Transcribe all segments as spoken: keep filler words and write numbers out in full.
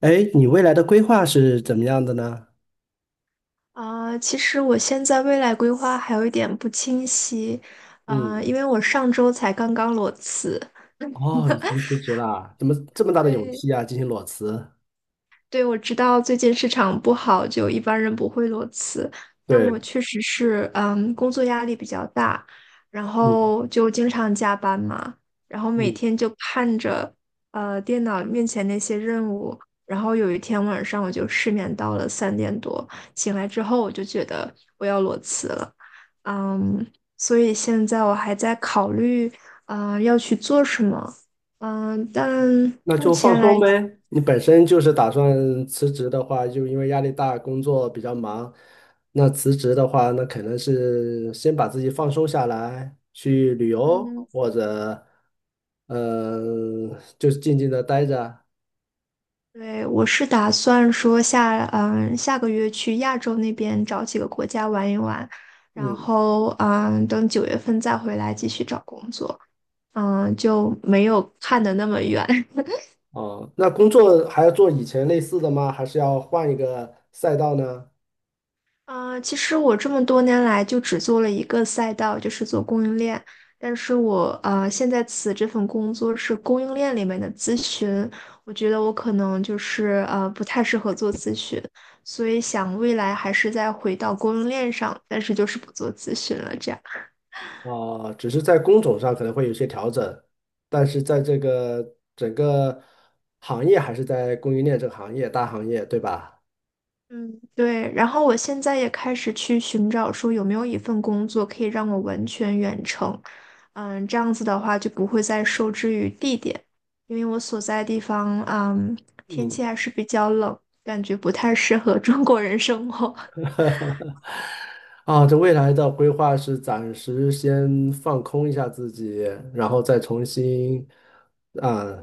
哎，你未来的规划是怎么样的呢？啊，其实我现在未来规划还有一点不清晰，啊，嗯，因为我上周才刚刚裸辞。哦，已经辞职了，怎么这么大的勇对，气啊，进行裸辞？对，我知道最近市场不好，就一般人不会裸辞，但对，我确实是，嗯，工作压力比较大，然嗯后就经常加班嘛，然后每嗯，天就看着，呃，电脑面前那些任务，然后有一天晚上我就失眠到了三点多，醒来之后我就觉得我要裸辞了，嗯，所以现在我还在考虑，呃，要去做什么，嗯，但那目就放前来。松呗。你本身就是打算辞职的话，就因为压力大，工作比较忙，那辞职的话，那可能是先把自己放松下来，去旅游嗯，或者，嗯、就是静静的待着。对，我是打算说下，嗯，下个月去亚洲那边找几个国家玩一玩，然嗯，后，嗯，等九月份再回来继续找工作，嗯，就没有看的那么远。哦，那工作还要做以前类似的吗？还是要换一个赛道呢？啊，其实我这么多年来就只做了一个赛道，就是做供应链。但是我啊呃，现在此这份工作是供应链里面的咨询，我觉得我可能就是呃不太适合做咨询，所以想未来还是再回到供应链上，但是就是不做咨询了这样。啊，只是在工种上可能会有些调整，但是在这个整个行业还是在供应链这个行业，大行业，对吧？嗯，对，然后我现在也开始去寻找，说有没有一份工作可以让我完全远程，嗯，这样子的话就不会再受制于地点，因为我所在地方，嗯，天嗯，气还是比较冷，感觉不太适合 中国人生活。啊，这未来的规划是暂时先放空一下自己，然后再重新啊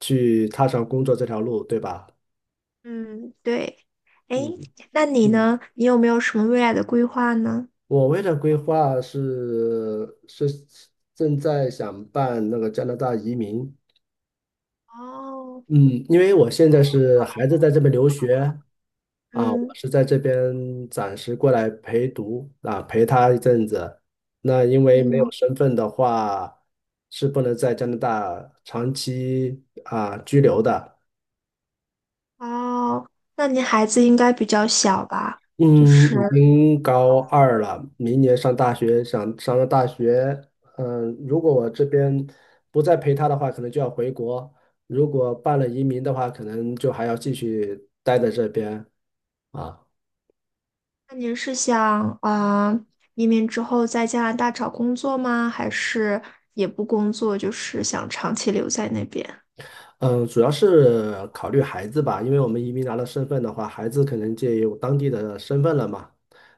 去踏上工作这条路，对吧？嗯，对。哎，嗯那你嗯，呢？你有没有什么未来的规划呢？我为了规划是是正在想办那个加拿大移民。哦，嗯，因为我现在是孩子在这边留学啊，我嗯是在这边暂时过来陪读啊，陪他一阵子。那因为没有嗯，身份的话，是不能在加拿大长期啊居留的。哦，那你孩子应该比较小吧？就嗯，已是。经高二了，明年上大学，想上了大学，嗯，如果我这边不再陪他的话，可能就要回国；如果办了移民的话，可能就还要继续待在这边啊。那您是想啊、呃移民之后在加拿大找工作吗？还是也不工作，就是想长期留在那边？嗯，主要是考虑孩子吧，因为我们移民拿了身份的话，孩子可能就有当地的身份了嘛，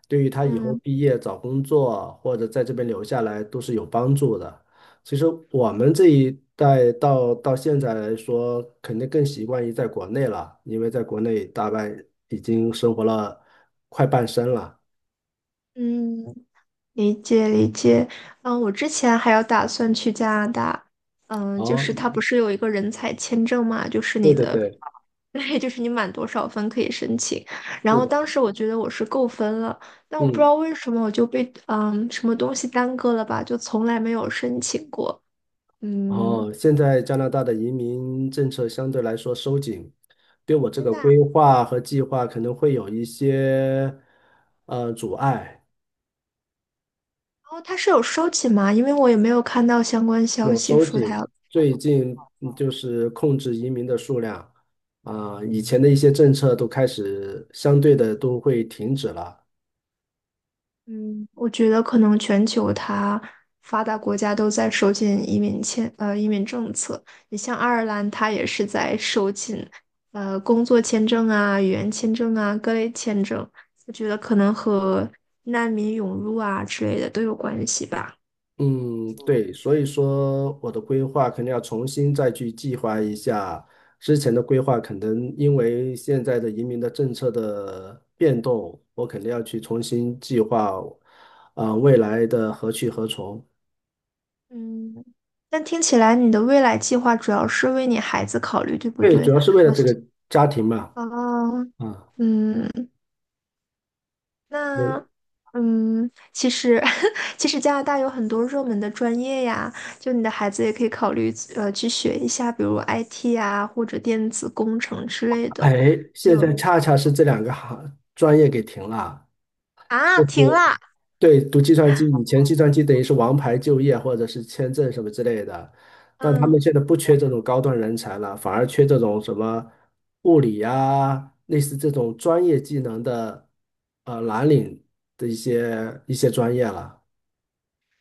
对于他以后嗯毕业找工作或者在这边留下来都是有帮助的。其实我们这一代到到现在来说，肯定更习惯于在国内了，因为在国内大半已经生活了快半生了。嗯，理解理解。嗯，我之前还有打算去加拿大，嗯，就哦，是它不是有一个人才签证嘛，就是对你对的，对，对就是你满多少分可以申请。然是后的，当时我觉得我是够分了，但我不知嗯。道为什么我就被嗯什么东西耽搁了吧，就从来没有申请过。嗯。哦，现在加拿大的移民政策相对来说收紧，对我这个规划和计划可能会有一些呃阻碍，哦，他是有收紧吗？因为我也没有看到相关消有息收说他紧。要，最近嗯就是控制移民的数量啊，以前的一些政策都开始相对的都会停止了。嗯，我觉得可能全球它发达国家都在收紧移民签，呃，移民政策。你像爱尔兰，它也是在收紧，呃，工作签证啊、语言签证啊、各类签证。我觉得可能和难民涌入啊之类的都有关系吧。嗯，对，所以说我的规划肯定要重新再去计划一下。之前的规划可能因为现在的移民的政策的变动，我肯定要去重新计划，啊、未来的何去何从。嗯，但听起来你的未来计划主要是为你孩子考虑，对不对，主对？要是为了我这个家庭嘛。哦，啊、嗯。我那，嗯，其实 其实加拿大有很多热门的专业呀，就你的孩子也可以考虑呃去学一下，比如 I T 啊或者电子工程之类哎，的。现就在恰恰是这两个行专业给停了。啊，就停是啦，对读计算机，以前计算机等于是王牌就业或者是签证什么之类的，但他们嗯，现在不缺这种高端人才了，反而缺这种什么物理呀、类似这种专业技能的呃蓝领的一些一些专业了。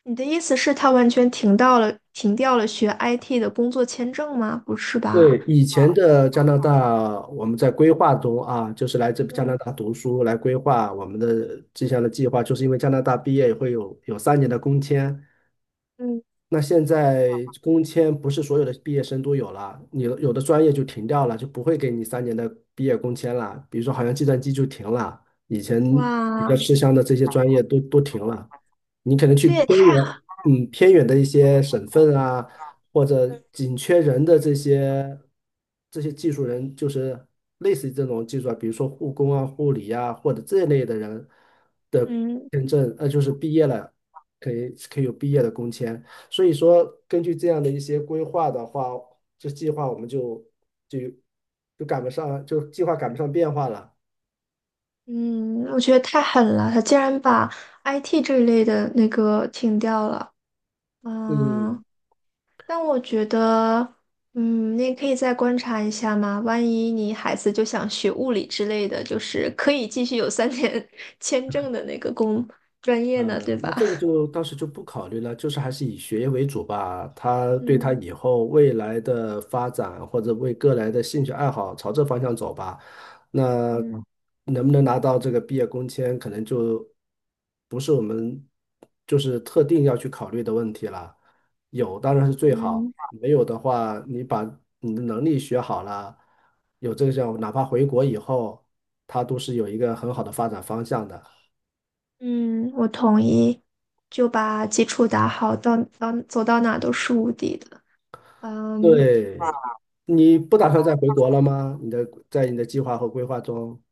你的意思是他完全停到了停掉了学 I T 的工作签证吗？不是对，吧？以前的加拿大，我们在规划中啊，就是来这加拿嗯大读书，来规划我们的这项的计划，就是因为加拿大毕业会有有三年的工签，嗯，那现在工签不是所有的毕业生都有了，你有的专业就停掉了，就不会给你三年的毕业工签了。比如说，好像计算机就停了，以前比较哇，吃香的这些专业都都停了。你可能去这也偏太远，嗯，偏远的一些省份啊，或者紧缺人的这些这些技术人，就是类似于这种技术啊，比如说护工啊、护理啊，或者这类的人的嗯。签证，呃，就是毕业了，可以可以有毕业的工签。所以说，根据这样的一些规划的话，这计划我们就就就赶不上，就计划赶不上变化了。嗯，我觉得太狠了，他竟然把 I T 这一类的那个停掉了。嗯，嗯，但我觉得，嗯，你也可以再观察一下嘛。万一你孩子就想学物理之类的，就是可以继续有三年 签证的那个工专业呢，嗯，对那吧？这个就当时就不考虑了，就是还是以学业为主吧。他对他嗯以后未来的发展或者为个人的兴趣爱好朝这方向走吧。那嗯能不能拿到这个毕业工签，可能就不是我们就是特定要去考虑的问题了。有当然是最好，嗯没有的话，你把你的能力学好了，有这个项目，哪怕回国以后，他都是有一个很好的发展方向的。嗯，我同意，就把基础打好，到到走到哪都是无敌的。嗯对，你不打算再回国了吗？你的在你的计划和规划中，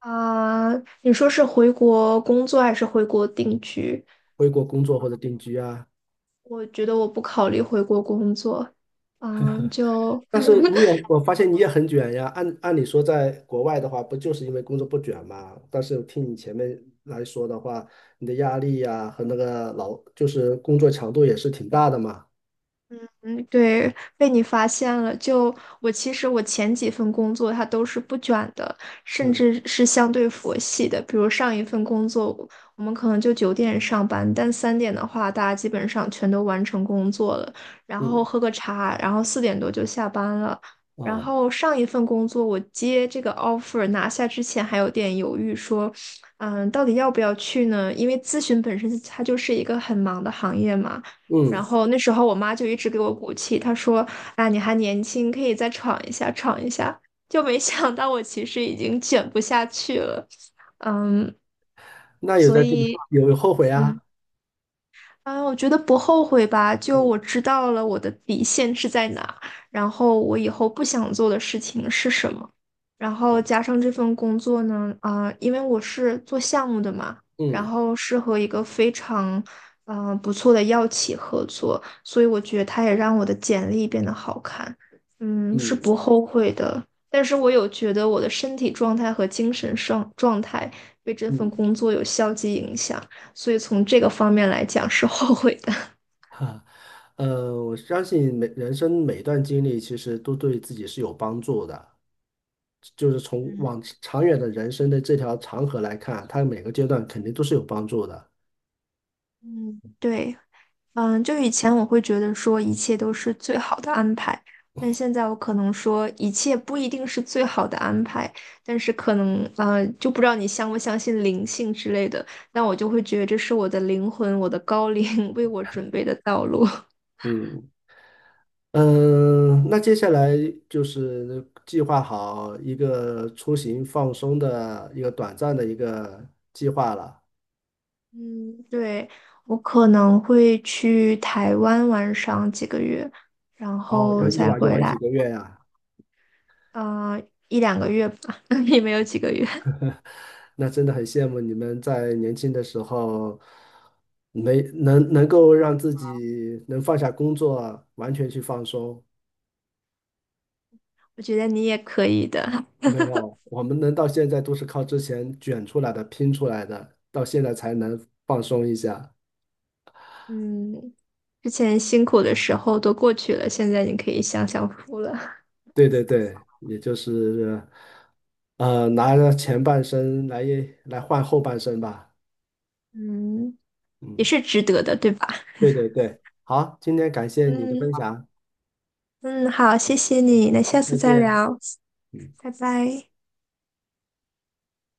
啊，你说是回国工作还是回国定居？回国工作或者定居啊？我觉得我不考虑回国工作，嗯，就 但是 你也，我发现你也很卷呀。按按理说，在国外的话，不就是因为工作不卷嘛？但是听你前面来说的话，你的压力呀、和那个劳，就是工作强度也是挺大的嘛。对，被你发现了。就我其实我前几份工作它都是不卷的，甚嗯至是相对佛系的。比如上一份工作，我们可能就九点上班，但三点的话，大家基本上全都完成工作了，然后嗯喝个茶，然后四点多就下班了。然啊后上一份工作，我接这个 offer 拿下之前还有点犹豫，说，嗯，到底要不要去呢？因为咨询本身它就是一个很忙的行业嘛。然嗯，后那时候我妈就一直给我鼓气，她说：“啊，你还年轻，可以再闯一下，闯一下。”就没想到我其实已经卷不下去了，嗯，那有所在这个以。有有后悔嗯。啊？嗯，我觉得不后悔吧，就嗯我知道了我的底线是在哪，然后我以后不想做的事情是什么，然后啊加上这份工作呢，啊、因为我是做项目的嘛，然嗯后是和一个非常，嗯、不错的药企合作，所以我觉得它也让我的简历变得好看，嗯，是嗯不后悔的，但是我有觉得我的身体状态和精神上状态被这份嗯，工作有消极影响。所以从这个方面来讲是后悔的。呃，我相信每人生每一段经历其实都对自己是有帮助的，就是从嗯往长远的人生的这条长河来看，它每个阶段肯定都是有帮助的。嗯，对，嗯，就以前我会觉得说一切都是最好的安排，但现在我可能说一切不一定是最好的安排，但是可能呃，就不知道你相不相信灵性之类的，但我就会觉得这是我的灵魂，我的高龄 为我准备的道路。嗯嗯，那接下来就是计划好一个出行放松的一个短暂的一个计划了，嗯，对，我可能会去台湾玩上几个月，然哦，要后一再玩就回玩来。几个月呀？呃，一两个月吧，也没有几个月。那真的很羡慕你们在年轻的时候没能能够让自己能放下工作，完全去放松。我觉得你也可以的。没有，我们能到现在都是靠之前卷出来的、拼出来的，到现在才能放松一下。嗯，之前辛苦的时候都过去了，现在你可以享享福了。对对对，也就是呃，拿着前半生来来换后半生吧。嗯，也是值得的，对吧？对对对，好，今天感谢你的嗯分享，嗯，好，谢谢你，那好，下次再再见。聊，嗯。拜拜。